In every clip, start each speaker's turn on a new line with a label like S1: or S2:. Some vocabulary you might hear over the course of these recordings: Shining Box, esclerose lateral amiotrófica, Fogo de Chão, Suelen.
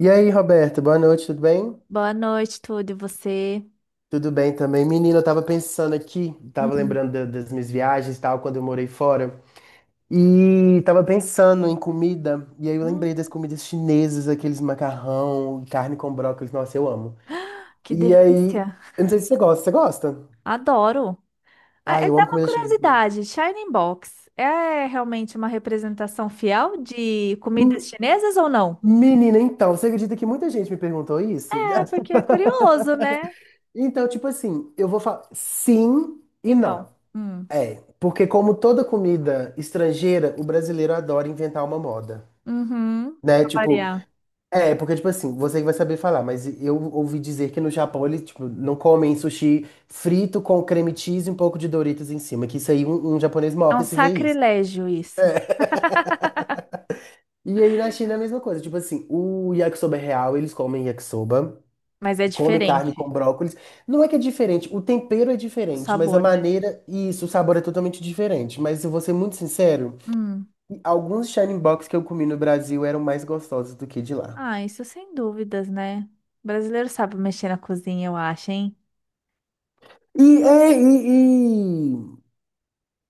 S1: E aí, Roberto, boa noite, tudo bem?
S2: Boa noite, tudo e você?
S1: Tudo bem também. Menina, eu tava pensando aqui, tava
S2: Hum.
S1: lembrando das minhas viagens e tal, quando eu morei fora. E tava pensando em comida, e aí eu
S2: Hum.
S1: lembrei das comidas chinesas, aqueles macarrão, carne com brócolis, nossa, eu amo.
S2: Que
S1: E aí,
S2: delícia.
S1: eu não sei se você gosta, você gosta?
S2: Adoro. Ah,
S1: Ah,
S2: é
S1: eu
S2: até
S1: amo
S2: uma
S1: comida chinesa também.
S2: curiosidade, Shining Box é realmente uma representação fiel de comidas
S1: Me-
S2: chinesas ou não?
S1: Menina, então, você acredita que muita gente me perguntou isso?
S2: É, porque é curioso, né?
S1: Então, tipo assim, eu vou falar sim e
S2: E
S1: não.
S2: não. Hum.
S1: É, porque como toda comida estrangeira, o brasileiro adora inventar uma moda,
S2: Uhum.
S1: né?
S2: Pra
S1: Tipo,
S2: variar.
S1: é, porque tipo assim, você que vai saber falar, mas eu ouvi dizer que no Japão eles, tipo, não comem sushi frito com creme cheese e um pouco de Doritos em cima, que isso aí um japonês
S2: É um
S1: morre se vê isso.
S2: sacrilégio isso,
S1: E aí na China é a mesma coisa, tipo assim, o yakisoba é real, eles comem yakisoba,
S2: mas é
S1: comem carne com
S2: diferente
S1: brócolis. Não é que é diferente, o tempero é
S2: o
S1: diferente, mas a
S2: sabor, né?
S1: maneira e isso, o sabor é totalmente diferente. Mas eu vou ser muito sincero,
S2: Hum.
S1: alguns Shining Box que eu comi no Brasil eram mais gostosos do que de lá.
S2: Ah, isso sem dúvidas, né? O brasileiro sabe mexer na cozinha, eu acho, hein?
S1: E, é, e, e-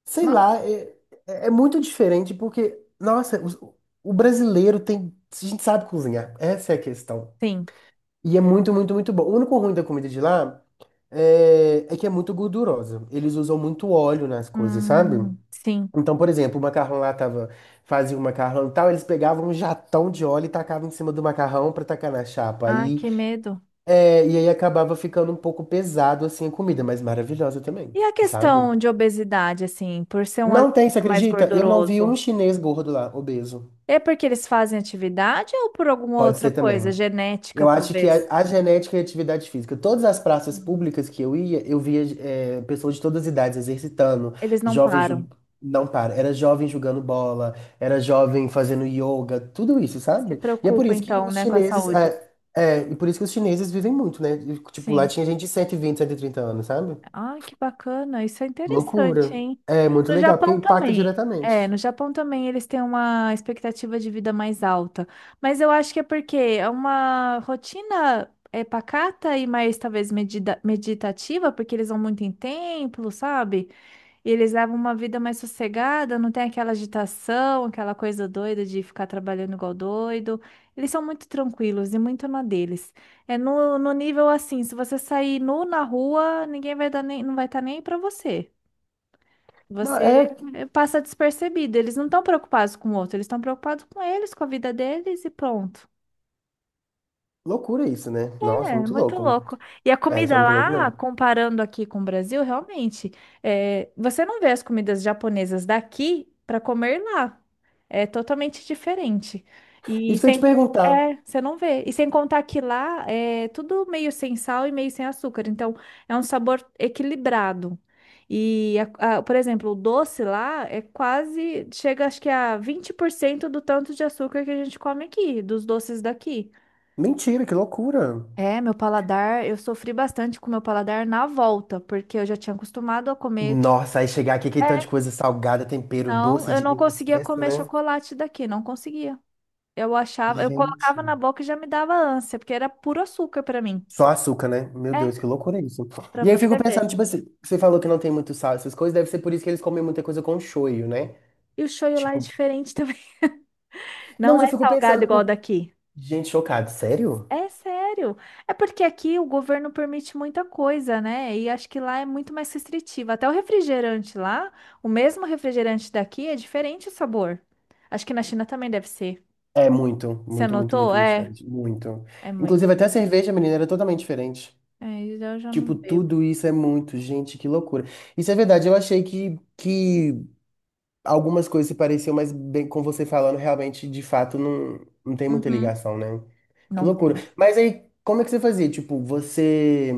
S1: sei
S2: Ma-
S1: lá, é muito diferente porque, nossa, o brasileiro tem, a gente sabe cozinhar, essa é a questão.
S2: Sim.
S1: E é muito, muito, muito bom. O único ruim da comida de lá é que é muito gordurosa. Eles usam muito óleo nas coisas, sabe?
S2: Sim.
S1: Então, por exemplo, o macarrão lá tava, fazia um macarrão e tal, eles pegavam um jatão de óleo e tacavam em cima do macarrão pra tacar na chapa.
S2: Ah,
S1: Aí
S2: que medo.
S1: é, e aí acabava ficando um pouco pesado assim a comida, mas maravilhosa também,
S2: E a
S1: sabe?
S2: questão de obesidade, assim, por ser um
S1: Não
S2: alimento
S1: tem, você
S2: mais
S1: acredita? Eu não vi um
S2: gorduroso?
S1: chinês gordo lá, obeso.
S2: É porque eles fazem atividade ou por alguma
S1: Pode
S2: outra
S1: ser
S2: coisa,
S1: também.
S2: genética,
S1: Eu acho que a,
S2: talvez?
S1: a genética e a atividade física. Todas as praças
S2: Hum.
S1: públicas que eu ia, eu via é, pessoas de todas as idades exercitando,
S2: Eles não
S1: jovens ju-
S2: param.
S1: não para, era jovem jogando bola, era jovem fazendo yoga, tudo isso,
S2: Se
S1: sabe? E é por
S2: preocupam,
S1: isso que
S2: então,
S1: os
S2: né, com a
S1: chineses,
S2: saúde.
S1: e por isso que os chineses vivem muito, né? E, tipo, lá
S2: Sim.
S1: tinha gente de 120, trinta anos, sabe?
S2: Ah, que bacana. Isso é interessante,
S1: Loucura.
S2: hein?
S1: É muito
S2: No
S1: legal, porque
S2: Japão
S1: impacta
S2: também. É,
S1: diretamente.
S2: no Japão também eles têm uma expectativa de vida mais alta. Mas eu acho que é porque é uma rotina pacata e mais talvez meditativa, porque eles vão muito em templo, sabe? E eles levam uma vida mais sossegada, não tem aquela agitação, aquela coisa doida de ficar trabalhando igual doido. Eles são muito tranquilos e muito na deles. É no, no nível assim, se você sair nu na rua, ninguém vai dar nem, não vai estar nem aí pra você.
S1: Não,
S2: Você
S1: é
S2: passa despercebido. Eles não estão preocupados com o outro, eles estão preocupados com eles, com a vida deles e pronto.
S1: loucura isso, né? Nossa,
S2: É,
S1: muito
S2: muito
S1: louco.
S2: louco. E a
S1: É, isso é
S2: comida
S1: muito louco
S2: lá,
S1: mesmo.
S2: comparando aqui com o Brasil, realmente, você não vê as comidas japonesas daqui para comer lá. É totalmente diferente. E
S1: Isso que eu ia te
S2: sem,
S1: perguntar.
S2: você não vê. E sem contar que lá é tudo meio sem sal e meio sem açúcar. Então, é um sabor equilibrado. E, por exemplo, o doce lá é quase, chega acho que a 20% do tanto de açúcar que a gente come aqui, dos doces daqui.
S1: Mentira, que loucura.
S2: É, meu paladar, eu sofri bastante com meu paladar na volta, porque eu já tinha acostumado a comer.
S1: Nossa, aí chegar aqui, que tanto de
S2: É,
S1: coisa salgada, tempero,
S2: não,
S1: doce
S2: eu
S1: de
S2: não
S1: em
S2: conseguia
S1: excesso,
S2: comer
S1: né?
S2: chocolate daqui, não conseguia. Eu achava, eu
S1: Gente.
S2: colocava na boca e já me dava ânsia, porque era puro açúcar pra mim.
S1: Só açúcar, né? Meu
S2: É,
S1: Deus, que loucura é isso.
S2: pra
S1: E aí eu fico
S2: você
S1: pensando,
S2: ver.
S1: tipo assim, você falou que não tem muito sal, essas coisas, deve ser por isso que eles comem muita coisa com shoyu, né?
S2: E o shoyu lá é
S1: Tipo,
S2: diferente também.
S1: não,
S2: Não
S1: mas eu
S2: é
S1: fico
S2: salgado
S1: pensando,
S2: igual
S1: pô,
S2: daqui.
S1: gente, chocado, sério?
S2: É sério. É porque aqui o governo permite muita coisa, né? E acho que lá é muito mais restritivo. Até o refrigerante lá, o mesmo refrigerante daqui é diferente o sabor. Acho que na China também deve ser.
S1: É muito,
S2: Você
S1: muito, muito,
S2: anotou?
S1: muito, muito
S2: É,
S1: diferente. Muito.
S2: é muito.
S1: Inclusive, até a cerveja, menina, era totalmente diferente.
S2: É, eu já não
S1: Tipo,
S2: bebo.
S1: tudo isso é muito, gente, que loucura. Isso é verdade, eu achei que algumas coisas se pareciam, mas bem, com você falando, realmente, de fato, não, não tem muita
S2: Uhum.
S1: ligação, né? Que
S2: Não
S1: loucura.
S2: tem.
S1: Mas aí, como é que você fazia? Tipo, você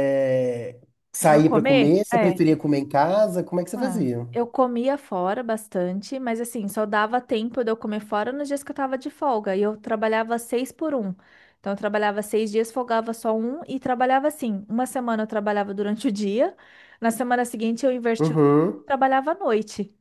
S1: é,
S2: Para
S1: saía pra
S2: comer?
S1: comer? Você
S2: É.
S1: preferia comer em casa? Como é que você
S2: Ah,
S1: fazia?
S2: eu comia fora bastante, mas assim, só dava tempo de eu comer fora nos dias que eu tava de folga. E eu trabalhava seis por um. Então, eu trabalhava seis dias, folgava só um e trabalhava assim. Uma semana eu trabalhava durante o dia, na semana seguinte eu invertia o dia e
S1: Uhum.
S2: trabalhava à noite.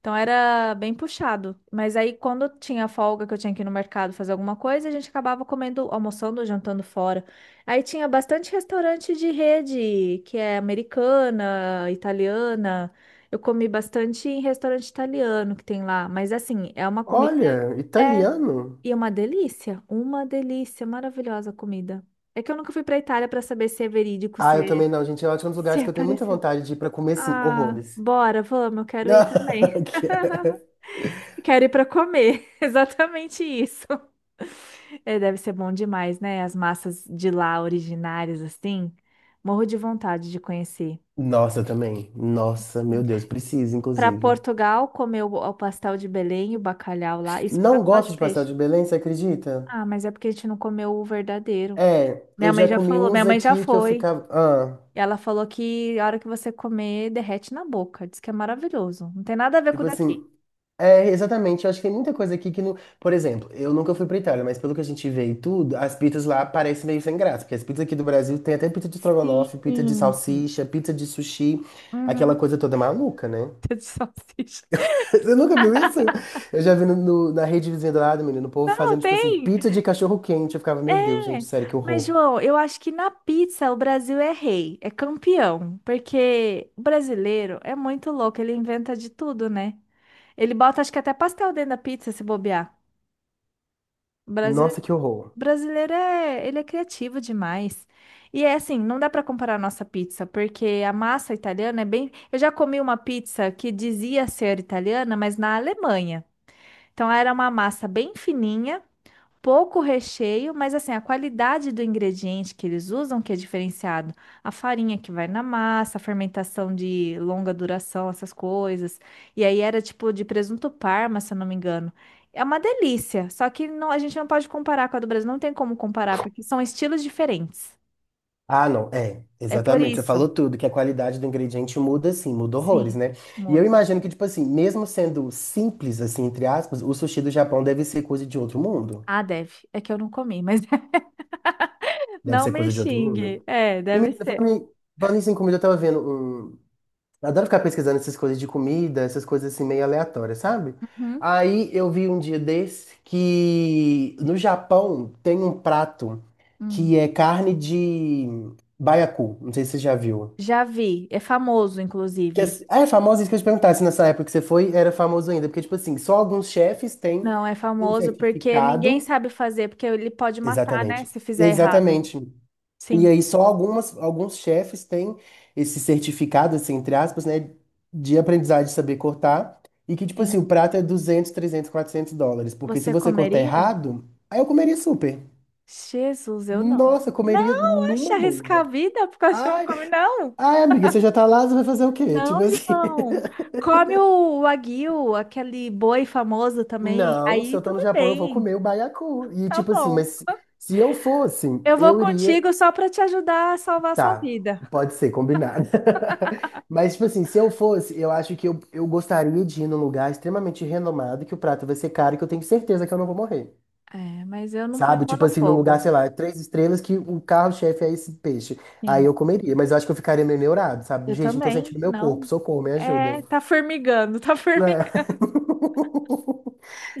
S2: Então era bem puxado. Mas aí quando tinha folga que eu tinha que ir no mercado fazer alguma coisa, a gente acabava comendo, almoçando, jantando fora. Aí tinha bastante restaurante de rede, que é americana, italiana. Eu comi bastante em restaurante italiano que tem lá, mas assim, é uma comida
S1: Olha,
S2: é,
S1: italiano.
S2: e é uma delícia, maravilhosa a comida. É que eu nunca fui para Itália para saber se é verídico,
S1: Ah,
S2: se
S1: eu
S2: é,
S1: também não, gente. Eu acho que é um dos
S2: se
S1: lugares
S2: é
S1: que eu tenho muita
S2: parecido.
S1: vontade de ir pra comer, assim,
S2: Ah,
S1: horrores.
S2: bora, vamos, eu quero ir também.
S1: Que-
S2: Quero ir para comer. Exatamente isso. É, deve ser bom demais, né? As massas de lá originárias, assim. Morro de vontade de conhecer.
S1: Nossa, eu também. Nossa, meu Deus, preciso,
S2: Para
S1: inclusive.
S2: Portugal, comer o pastel de Belém e o bacalhau lá. Isso porque eu
S1: Não
S2: não gosto
S1: gosto
S2: de
S1: de pastel
S2: peixe.
S1: de Belém, você acredita?
S2: Ah, mas é porque a gente não comeu o verdadeiro.
S1: É, eu
S2: Minha mãe
S1: já
S2: já
S1: comi
S2: falou,
S1: uns
S2: minha mãe já
S1: aqui que eu
S2: foi.
S1: ficava. Ah,
S2: E ela falou que a hora que você comer, derrete na boca. Diz que é maravilhoso. Não tem nada a ver com
S1: tipo
S2: o
S1: assim.
S2: daqui.
S1: É, exatamente. Eu acho que tem muita coisa aqui que não. Por exemplo, eu nunca fui pra Itália, mas pelo que a gente vê e tudo, as pizzas lá parecem meio sem graça. Porque as pizzas aqui do Brasil tem até pizza de
S2: Sim,
S1: estrogonofe, pizza de
S2: sim.
S1: salsicha, pizza de sushi, aquela
S2: Uhum.
S1: coisa toda maluca, né?
S2: De salsicha.
S1: Você nunca viu isso? Eu já vi na rede vizinha do lado, menino, o povo
S2: Não,
S1: fazendo, tipo assim,
S2: tem.
S1: pizza de cachorro quente. Eu ficava,
S2: É,
S1: meu Deus, gente, sério, que
S2: mas
S1: horror.
S2: João, eu acho que na pizza o Brasil é rei, é campeão, porque o brasileiro é muito louco, ele inventa de tudo, né? Ele bota, acho que até pastel dentro da pizza, se bobear. O
S1: Nossa, que horror.
S2: brasileiro é, ele é criativo demais. E é assim, não dá para comparar a nossa pizza, porque a massa italiana é bem. Eu já comi uma pizza que dizia ser italiana, mas na Alemanha. Então era uma massa bem fininha pouco recheio, mas assim, a qualidade do ingrediente que eles usam que é diferenciado. A farinha que vai na massa, a fermentação de longa duração, essas coisas. E aí era tipo de presunto parma, se eu não me engano. É uma delícia, só que não, a gente não pode comparar com a do Brasil, não tem como comparar, porque são estilos diferentes.
S1: Ah, não, é,
S2: É por
S1: exatamente. Você
S2: isso.
S1: falou tudo, que a qualidade do ingrediente muda, assim, muda horrores,
S2: Sim,
S1: né? E eu
S2: muda.
S1: imagino que, tipo assim, mesmo sendo simples, assim, entre aspas, o sushi do Japão deve ser coisa de outro mundo.
S2: Ah, deve. É que eu não comi, mas
S1: Deve
S2: não
S1: ser
S2: me
S1: coisa de outro
S2: xingue.
S1: mundo.
S2: É,
S1: E,
S2: deve
S1: menina,
S2: ser.
S1: falando isso em comida, eu tava vendo um. Eu adoro ficar pesquisando essas coisas de comida, essas coisas assim meio aleatórias, sabe?
S2: Uhum.
S1: Aí eu vi um dia desse que no Japão tem um prato
S2: Hum.
S1: que é carne de baiacu. Não sei se você já viu.
S2: Já vi, é famoso,
S1: Que é,
S2: inclusive.
S1: ah, é famoso, isso que eu te perguntar, se nessa época que você foi era famoso ainda. Porque, tipo assim, só alguns chefes têm
S2: Não, é
S1: um
S2: famoso porque ninguém
S1: certificado.
S2: sabe fazer, porque ele pode matar, né,
S1: Exatamente.
S2: se fizer errado.
S1: Exatamente. E
S2: Sim,
S1: aí só alguns chefes têm esse certificado, assim, entre aspas, né, de aprendizagem de saber cortar, e que, tipo
S2: sim.
S1: assim, o prato é US$ 200, US$ 300, US$ 400, porque se
S2: Você
S1: você cortar
S2: comeria?
S1: errado, aí eu comeria super.
S2: Jesus, eu não.
S1: Nossa, eu comeria
S2: Não, acha
S1: numa
S2: arriscar a
S1: boa.
S2: vida por causa de uma
S1: Ai,
S2: come não.
S1: ai, amiga, você já tá lá, você vai fazer o quê?
S2: Não,
S1: Tipo assim,
S2: João. Come o wagyu, aquele boi famoso também.
S1: não, se
S2: Aí
S1: eu tô no
S2: tudo
S1: Japão, eu vou comer
S2: bem.
S1: o baiacu. E
S2: Tá
S1: tipo assim,
S2: bom.
S1: mas se eu fosse,
S2: Eu vou
S1: eu iria
S2: contigo só para te ajudar a salvar a sua
S1: tá,
S2: vida.
S1: pode ser, combinado. Mas, tipo assim, se eu fosse, eu acho que eu gostaria de ir num lugar extremamente renomado, que o prato vai ser caro e que eu tenho certeza que eu não vou morrer.
S2: É, mas eu não ponho
S1: Sabe?
S2: mão
S1: Tipo
S2: no
S1: assim, num lugar,
S2: fogo.
S1: sei lá, três estrelas, que o carro-chefe é esse peixe. Aí eu
S2: Sim,
S1: comeria, mas eu acho que eu ficaria meio neurado, sabe?
S2: eu
S1: Gente, não tô
S2: também.
S1: sentindo meu corpo,
S2: Não.
S1: socorro, me ajuda.
S2: É, tá formigando, tá
S1: É.
S2: formigando.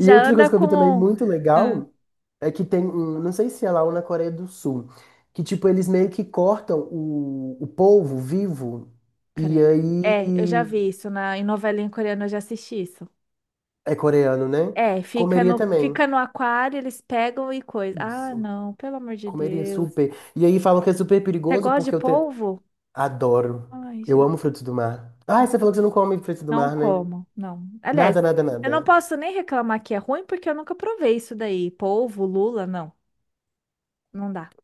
S1: E outra
S2: anda
S1: coisa que eu vi também
S2: com.
S1: muito
S2: Ah.
S1: legal. É que tem, um- não sei se é lá ou na Coreia do Sul, que tipo, eles meio que cortam o polvo vivo e
S2: Credo. É, eu já
S1: aí
S2: vi isso em novelinha coreana, eu já assisti isso.
S1: é coreano, né?
S2: É, fica
S1: Comeria
S2: no,
S1: também.
S2: fica no aquário, eles pegam e coisa. Ah,
S1: Isso.
S2: não, pelo amor de
S1: Comeria
S2: Deus.
S1: super. E aí falam que é super
S2: Você
S1: perigoso
S2: gosta de
S1: porque eu te-
S2: polvo?
S1: adoro.
S2: Ai,
S1: Eu amo
S2: Jesus.
S1: frutos do mar. Ah, você falou que você não come frutos do
S2: Não
S1: mar, né?
S2: como, não. Aliás,
S1: Nada, nada,
S2: eu não
S1: nada.
S2: posso nem reclamar que é ruim, porque eu nunca provei isso daí. Polvo, lula, não. Não dá.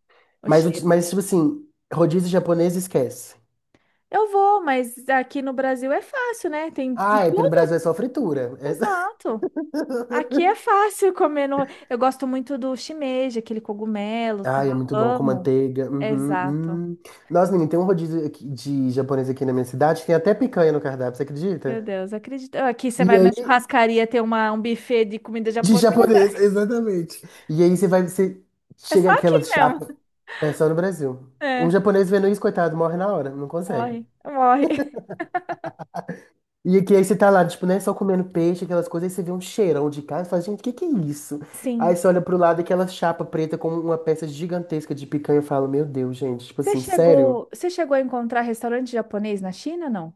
S2: O
S1: Mas, o ti-
S2: cheiro.
S1: mas tipo assim, rodízio japonês esquece.
S2: Eu vou, mas aqui no Brasil é fácil, né? Tem de
S1: Ah, é porque no Brasil é
S2: tudo.
S1: só fritura. É-
S2: Exato. Aqui é fácil comer no... Eu gosto muito do shimeji, aquele cogumelo, tá?
S1: Ai, é muito bom com
S2: Amo.
S1: manteiga.
S2: Exato.
S1: Uhum. Nossa, menina, tem um rodízio aqui de japonês aqui na minha cidade, tem até picanha no cardápio, você
S2: Meu
S1: acredita?
S2: Deus, acredito. Aqui você
S1: E
S2: vai
S1: aí,
S2: na churrascaria ter um buffet de comida
S1: de
S2: japonesa.
S1: japonês, exatamente. E aí você vai, você
S2: É só
S1: chega
S2: aqui
S1: aquela chapa,
S2: mesmo.
S1: é só no Brasil. Um
S2: É,
S1: japonês vendo isso, coitado, morre na hora, não consegue.
S2: morre, morre.
S1: E aqui aí você tá lá, tipo, né, só comendo peixe, aquelas coisas, aí você vê um cheirão de carne e fala, gente, o que que é isso? Aí
S2: Sim.
S1: você olha pro lado, aquela chapa preta com uma peça gigantesca de picanha e fala, meu Deus, gente, tipo
S2: Você
S1: assim, sério?
S2: chegou, você chegou a encontrar restaurante japonês na China, não?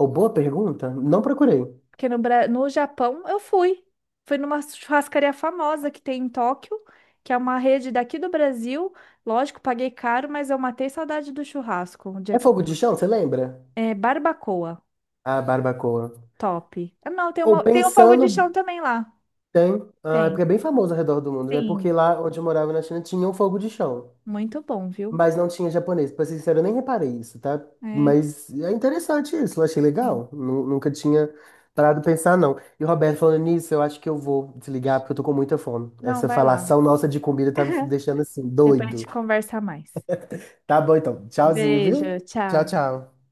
S1: Ou boa pergunta? Não procurei.
S2: Porque no Japão eu fui. Fui numa churrascaria famosa que tem em Tóquio, que é uma rede daqui do Brasil. Lógico, paguei caro, mas eu matei saudade do churrasco o dia
S1: É
S2: que eu
S1: fogo de
S2: fui.
S1: chão, você lembra?
S2: É barbacoa,
S1: A barbacoa.
S2: top. Ah, não, tem
S1: Ou
S2: tem um fogo de
S1: pensando,
S2: chão também lá.
S1: tem. Ah, é porque é
S2: Tem.
S1: bem famoso ao redor do mundo, né?
S2: Sim,
S1: Porque lá onde eu morava na China tinha um fogo de chão.
S2: muito bom, viu?
S1: Mas não tinha japonês. Pra ser sincero, eu nem reparei isso, tá?
S2: É,
S1: Mas é interessante isso, eu achei
S2: sim.
S1: legal. Nu- Nunca tinha parado pra pensar, não. E o Roberto, falando nisso, eu acho que eu vou desligar porque eu tô com muita fome.
S2: Não,
S1: Essa
S2: vai lá.
S1: falação nossa de comida tá me deixando assim,
S2: Depois a
S1: doido.
S2: gente conversa mais.
S1: Tá bom então. Tchauzinho,
S2: Beijo,
S1: viu? Tchau,
S2: tchau.
S1: tchau.